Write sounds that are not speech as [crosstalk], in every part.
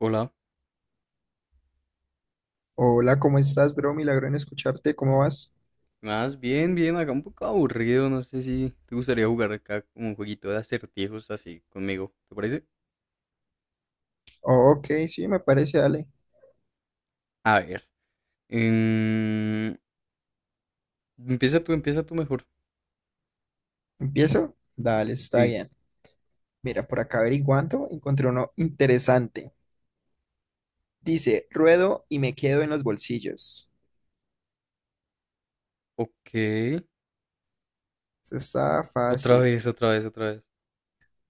Hola. Hola, ¿cómo estás, bro? Milagro en escucharte, ¿cómo vas? Más bien, bien, acá un poco aburrido, no sé si te gustaría jugar acá como un jueguito de acertijos así conmigo, ¿te parece? Oh, ok, sí, me parece, dale. A ver. em, empieza tú mejor. ¿Empiezo? Dale, está Sí, bien. Mira, por acá averiguando, encontré uno interesante. Dice, ruedo y me quedo en los bolsillos. ok. Eso está Otra fácil. vez, otra vez, otra vez.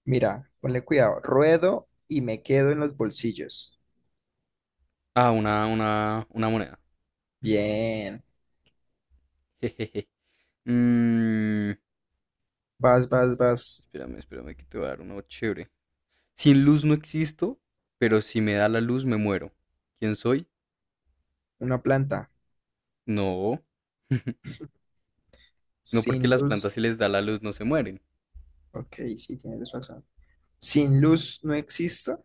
Mira, ponle cuidado. Ruedo y me quedo en los bolsillos. Ah, una moneda. Bien. [laughs] Jejeje. Mm, Vas, vas, vas. espérame, espérame, que te voy a dar uno chévere. Sin luz no existo, pero si me da la luz me muero. ¿Quién soy? Una planta. No. [laughs] No porque Sin las plantas luz. si les da la luz no se mueren. Ok, sí, tienes razón. Sin luz no existo.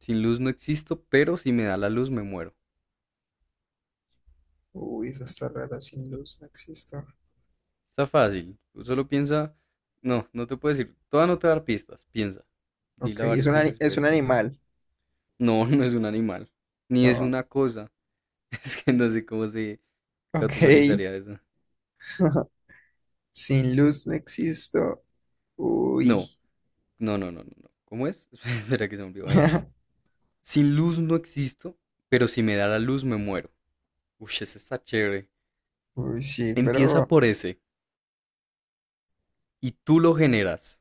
Sin luz no existo, pero si me da la luz me muero. Uy, eso está rara. Sin luz no existo. Está fácil. Tú solo piensa. No, no te puedo decir. Toda no te va a dar pistas. Piensa. Dila Ok, varias veces y es puedes un pensar. animal, No, [laughs] no es un animal. Ni es ¿no? una cosa. [laughs] Es que no sé cómo se Ok. categorizaría eso. [laughs] Sin luz no existo. No, Uy. no, no, no, no. No. ¿Cómo es? [laughs] Espera que se me olvidó. [laughs] Sin luz no existo, pero si me da la luz me muero. Uy, ese está chévere. Uy, sí, Empieza pero por ese. Y tú lo generas.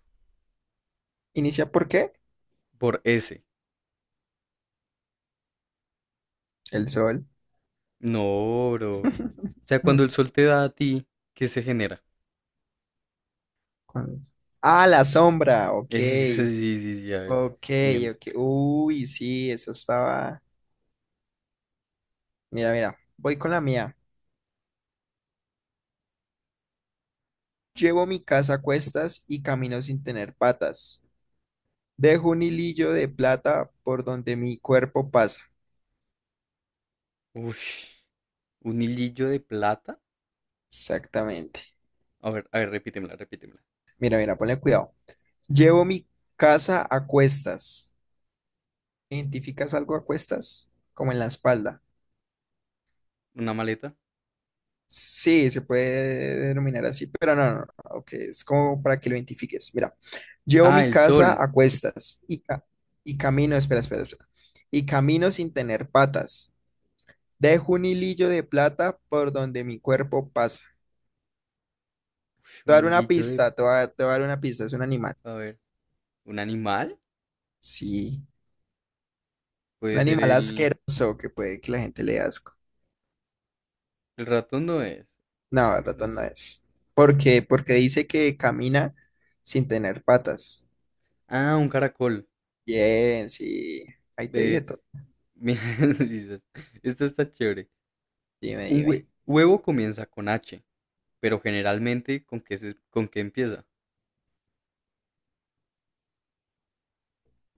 ¿inicia por qué? Por ese. El sol. No, bro. O [laughs] sea, Hmm, cuando el sol te da a ti, ¿qué se genera? ¿cuál es? Ah, la sombra. [laughs] Ok. Eso sí, sí, sí, a ver. Ok, Bien. ok. Uy, sí, esa estaba. Mira, mira. Voy con la mía. Llevo mi casa a cuestas y camino sin tener patas. Dejo un hilillo de plata por donde mi cuerpo pasa. Ush, un hilillo de plata. Exactamente. A ver, repítemela, repítemela. Mira, mira, ponle cuidado. Llevo mi casa a cuestas. ¿Identificas algo a cuestas? Como en la espalda. Una maleta. Sí, se puede denominar así, pero no, no, no, ok, es como para que lo identifiques. Mira, llevo Ah, mi el casa sol. a cuestas y, ca- y camino, espera, espera, espera, y camino sin tener patas. Dejo un hilillo de plata por donde mi cuerpo pasa. Ush, Te voy un a dar una hilillo de... pista, te voy a dar una pista, es un animal. A ver, ¿un animal? Sí, un Puede ser animal el... asqueroso que puede que la gente le dé asco. El ratón no es. No, No ratón no sé. es. ¿Por qué? Porque dice que camina sin tener patas. Ah, un caracol. Bien, sí. Ahí te dije Ve, todo. mira, [laughs] sí, sí, esta está chévere. Dime, Un dime. huevo comienza con H, pero generalmente, ¿con qué, con qué empieza?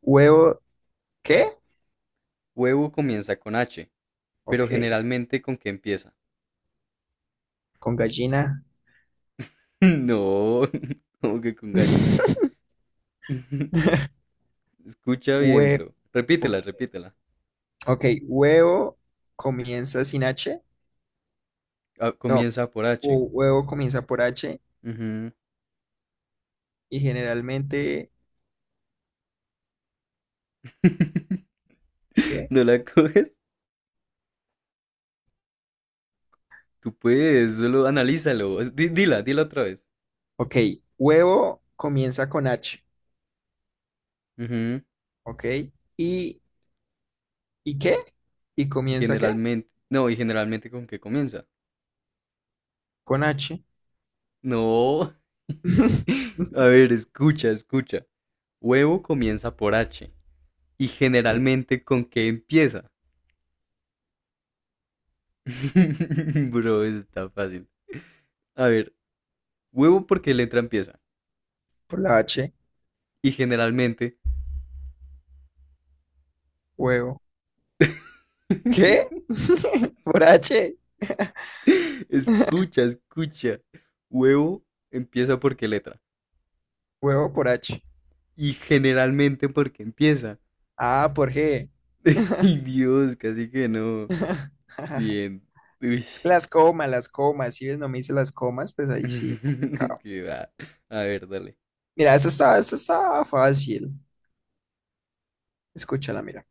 ¿Huevo qué? Huevo comienza con H. Pero Ok. generalmente, ¿con qué empieza? Con gallina. [laughs] No, [laughs] como que con gallina. [laughs] [laughs] Escucha bien, Hue bro. ok. Repítela, repítela. Ok, huevo comienza sin H. Ah, No. comienza por H. Huevo comienza por H. Ujú. Y generalmente, [laughs] ¿qué? ¿No la coges? Tú puedes, solo analízalo. Dila, dila otra vez. Ok. Huevo comienza con H. Ujú. Ok. ¿Y, y qué? ¿Y Y comienza qué? generalmente, no, y generalmente con qué comienza. Con H. No. [laughs] [laughs] A ver, escucha, escucha. Huevo comienza por H. Y Sí, generalmente con qué empieza. [laughs] Bro, eso está fácil. A ver, huevo porque letra empieza. por la H, Y generalmente, huevo. ¿Qué? [laughs] [laughs] ¿Por H? escucha, escucha. Huevo empieza porque letra. Huevo por H. Y generalmente porque empieza. Ah, por G. [laughs] Dios, casi que no. [laughs] Bien. Uy. Es que las comas, las comas. Si ves, no me hice las comas, pues ahí sí, [laughs] complicado. Qué va. A ver, dale. Mira, esta está fácil. Escúchala, mira.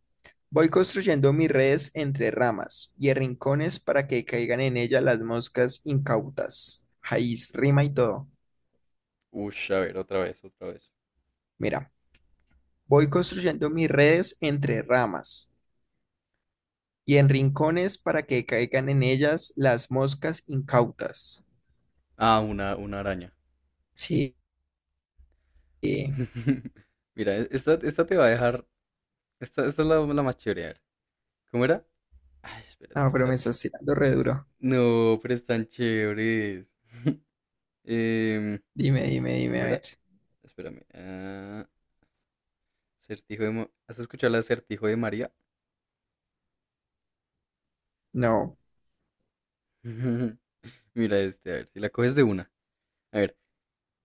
Voy construyendo mis redes entre ramas y en rincones para que caigan en ella las moscas incautas. Ahí rima y todo. Uy, a ver, otra vez, otra vez. Mira, voy construyendo mis redes entre ramas y en rincones para que caigan en ellas las moscas incautas. Ah, una araña. Sí, sí. [laughs] Mira, esta te va a dejar. Esta es la más chévere. A ver, ¿cómo era? Ay, espérate, No, pero me espérate. estás tirando re duro. No, pero están chéveres. [laughs] Em, Dime, dime, dime, ¿cómo a ver. era? Espérame. Ah, acertijo de... ¿Has escuchado el acertijo de María? No, [laughs] Mira este, a ver, si la coges de una. A ver,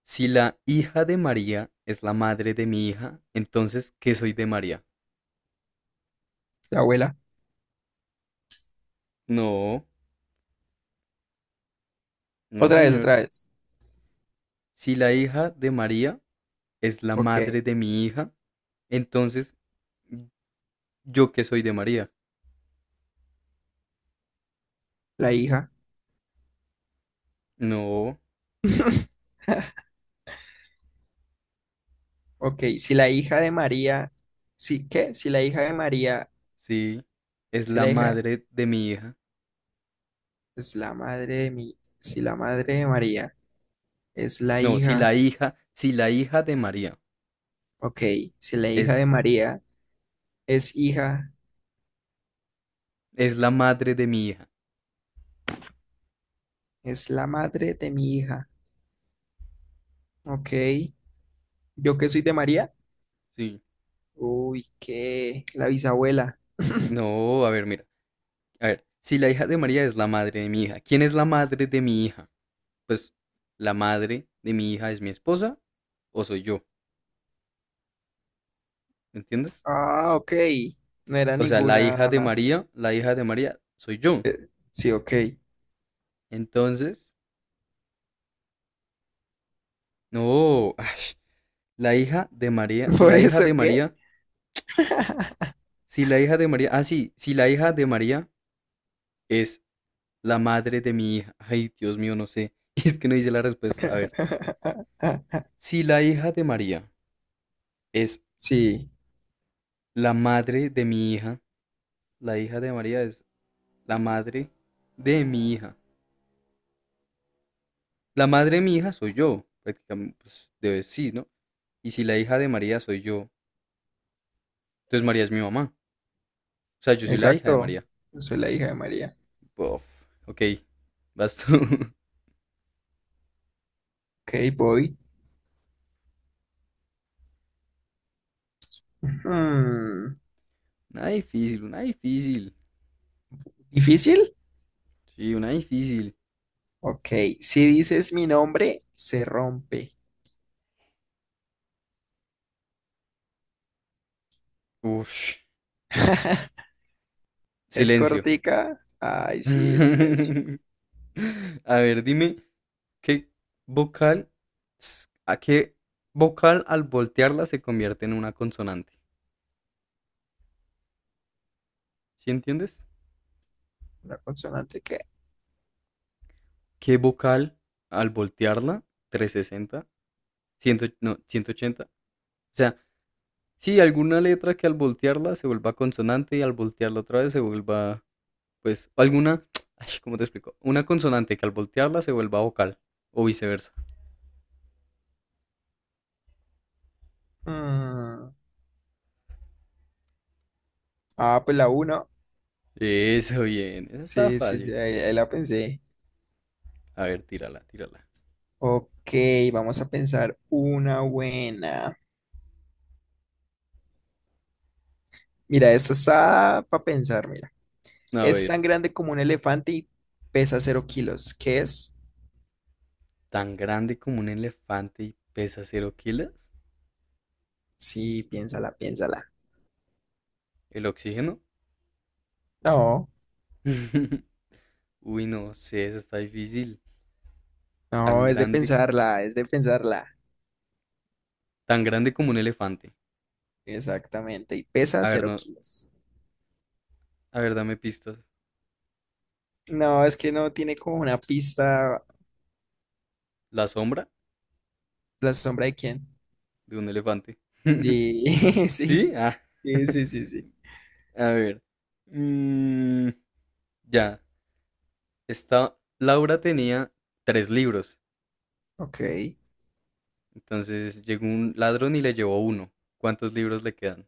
si la hija de María es la madre de mi hija, entonces, ¿qué soy de María? la abuela. No, no, Otra vez, señor. otra vez. Si la hija de María es la Ok, madre de mi hija, entonces, ¿yo qué soy de María? la hija. No, [laughs] Ok, si la hija de María, sí, ¿qué? Si la hija de María, sí, es si la la hija madre de mi hija. es la madre de mi, si la madre de María es la No, hija, si la hija de María ok, si la hija es. de María es hija, Es la madre de mi hija. es la madre de mi hija, ok, yo que soy de María. Sí. Uy, ¿qué? La bisabuela. No, a ver, mira. A ver, si la hija de María es la madre de mi hija, ¿quién es la madre de mi hija? Pues la madre de mi hija es mi esposa o soy yo, ¿me entiendes? Ah, ok. No era O sea, la ninguna. hija de María, la hija de María soy yo. Sí, ok. Entonces, no, ash, la hija de María, [laughs] si ¿Por la hija de eso qué? María, si la hija de María, ah, sí, si la hija de María es la madre de mi hija. Ay, Dios mío, no sé. [laughs] Es que no hice la respuesta. A ver, [laughs] si la hija de María es Sí, la madre de mi hija, la hija de María es la madre de mi hija. La madre de mi hija soy yo, prácticamente, pues debe sí, ¿no? Y si la hija de María soy yo, entonces María es mi mamá. O sea, yo soy la hija de exacto. María. Yo soy la hija de María. Bof, ok, vas tú. [laughs] Ok, voy. Hmm, Una difícil, una difícil. ¿difícil? Sí, una difícil. Ok. Si dices mi nombre, se rompe. Uff, [laughs] ¿Es silencio. cortica? Ay, [laughs] A sí, el silencio. ver, dime, ¿qué vocal, a qué vocal al voltearla se convierte en una consonante? ¿Sí entiendes? ¿Una consonante qué? ¿Qué vocal al voltearla? 360, 100, no, ¿180? O sea, sí, alguna letra que al voltearla se vuelva consonante y al voltearla otra vez se vuelva, pues, alguna, [tsk] ay, ¿cómo te explico? Una consonante que al voltearla se vuelva vocal o viceversa. Mm, ah, pues la uno. Eso, bien, esa estaba Sí, sí, sí, fácil. ahí, ahí la pensé. A ver, tírala, tírala. Ok, vamos a pensar una buena. Mira, esta está para pensar, mira. A Es ver, tan grande como un elefante y pesa 0 kilos. ¿Qué es? tan grande como un elefante y pesa 0 kilos. Sí, piénsala, piénsala. ¿El oxígeno? No, [laughs] Uy, no sé, esa está difícil. Tan no, es de grande pensarla, es de pensarla. Tan grande como un elefante. Exactamente, y pesa A ver, cero no, kilos. a ver, dame pistas. No, es que no tiene como una pista La sombra la sombra de quién. de un elefante. [laughs] Sí, [laughs] sí, ¿Sí? Ah. sí, sí, sí, sí. [laughs] A ver. Mm, ya. Esta Laura tenía tres libros. Ok, Entonces llegó un ladrón y le llevó uno. ¿Cuántos libros le quedan?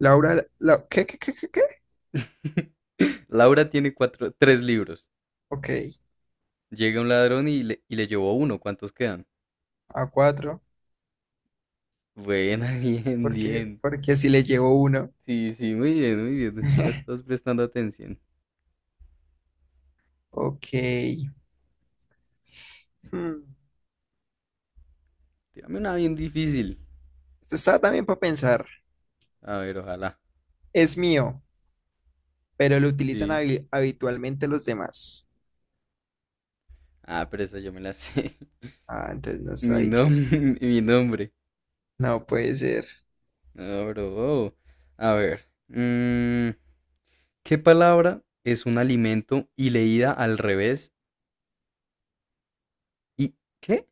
Laura, la, ¿qué, qué, qué, qué, qué? [laughs] Laura tiene cuatro, tres libros. Ok, Llega un ladrón y le llevó uno. ¿Cuántos quedan? a cuatro, Buena, [laughs] bien, porque, bien. porque si le llegó uno. Sí, sí, muy bien, muy bien. Ya [laughs] estás prestando atención. Ok. Hmm, Tírame una bien difícil. esto está también para pensar. A ver, ojalá. Es mío, pero lo utilizan Sí. habitualmente los demás. Ah, pero esta yo me la sé. [laughs] Ah, entonces no está difícil. [laughs] Mi nombre. No puede ser. No, bro. A ver. mm, ¿Qué palabra es un alimento y leída al revés? ¿Y qué?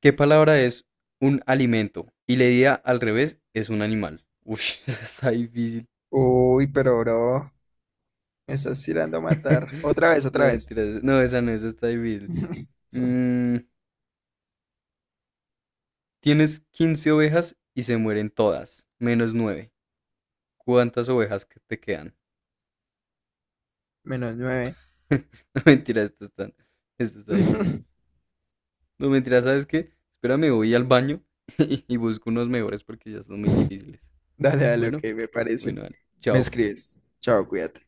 ¿Qué palabra es un alimento y leída al revés es un animal? Uy, [laughs] esa está difícil. Uy, pero bro, me estás tirando a matar. [laughs] Otra vez, No, otra vez. mentiras. No, esa no, esa está difícil. [laughs] Mm, tienes 15 ovejas y se mueren todas, menos 9. ¿Cuántas ovejas que te quedan? Menos nueve. [laughs] No mentira, esto está difícil. [laughs] No mentira, ¿sabes qué? Espérame, voy al baño [laughs] y busco unos mejores porque ya son muy difíciles. Dale, dale, ok, Bueno, me parece. bueno, vale. Me Chao. escribes. Chao, cuídate.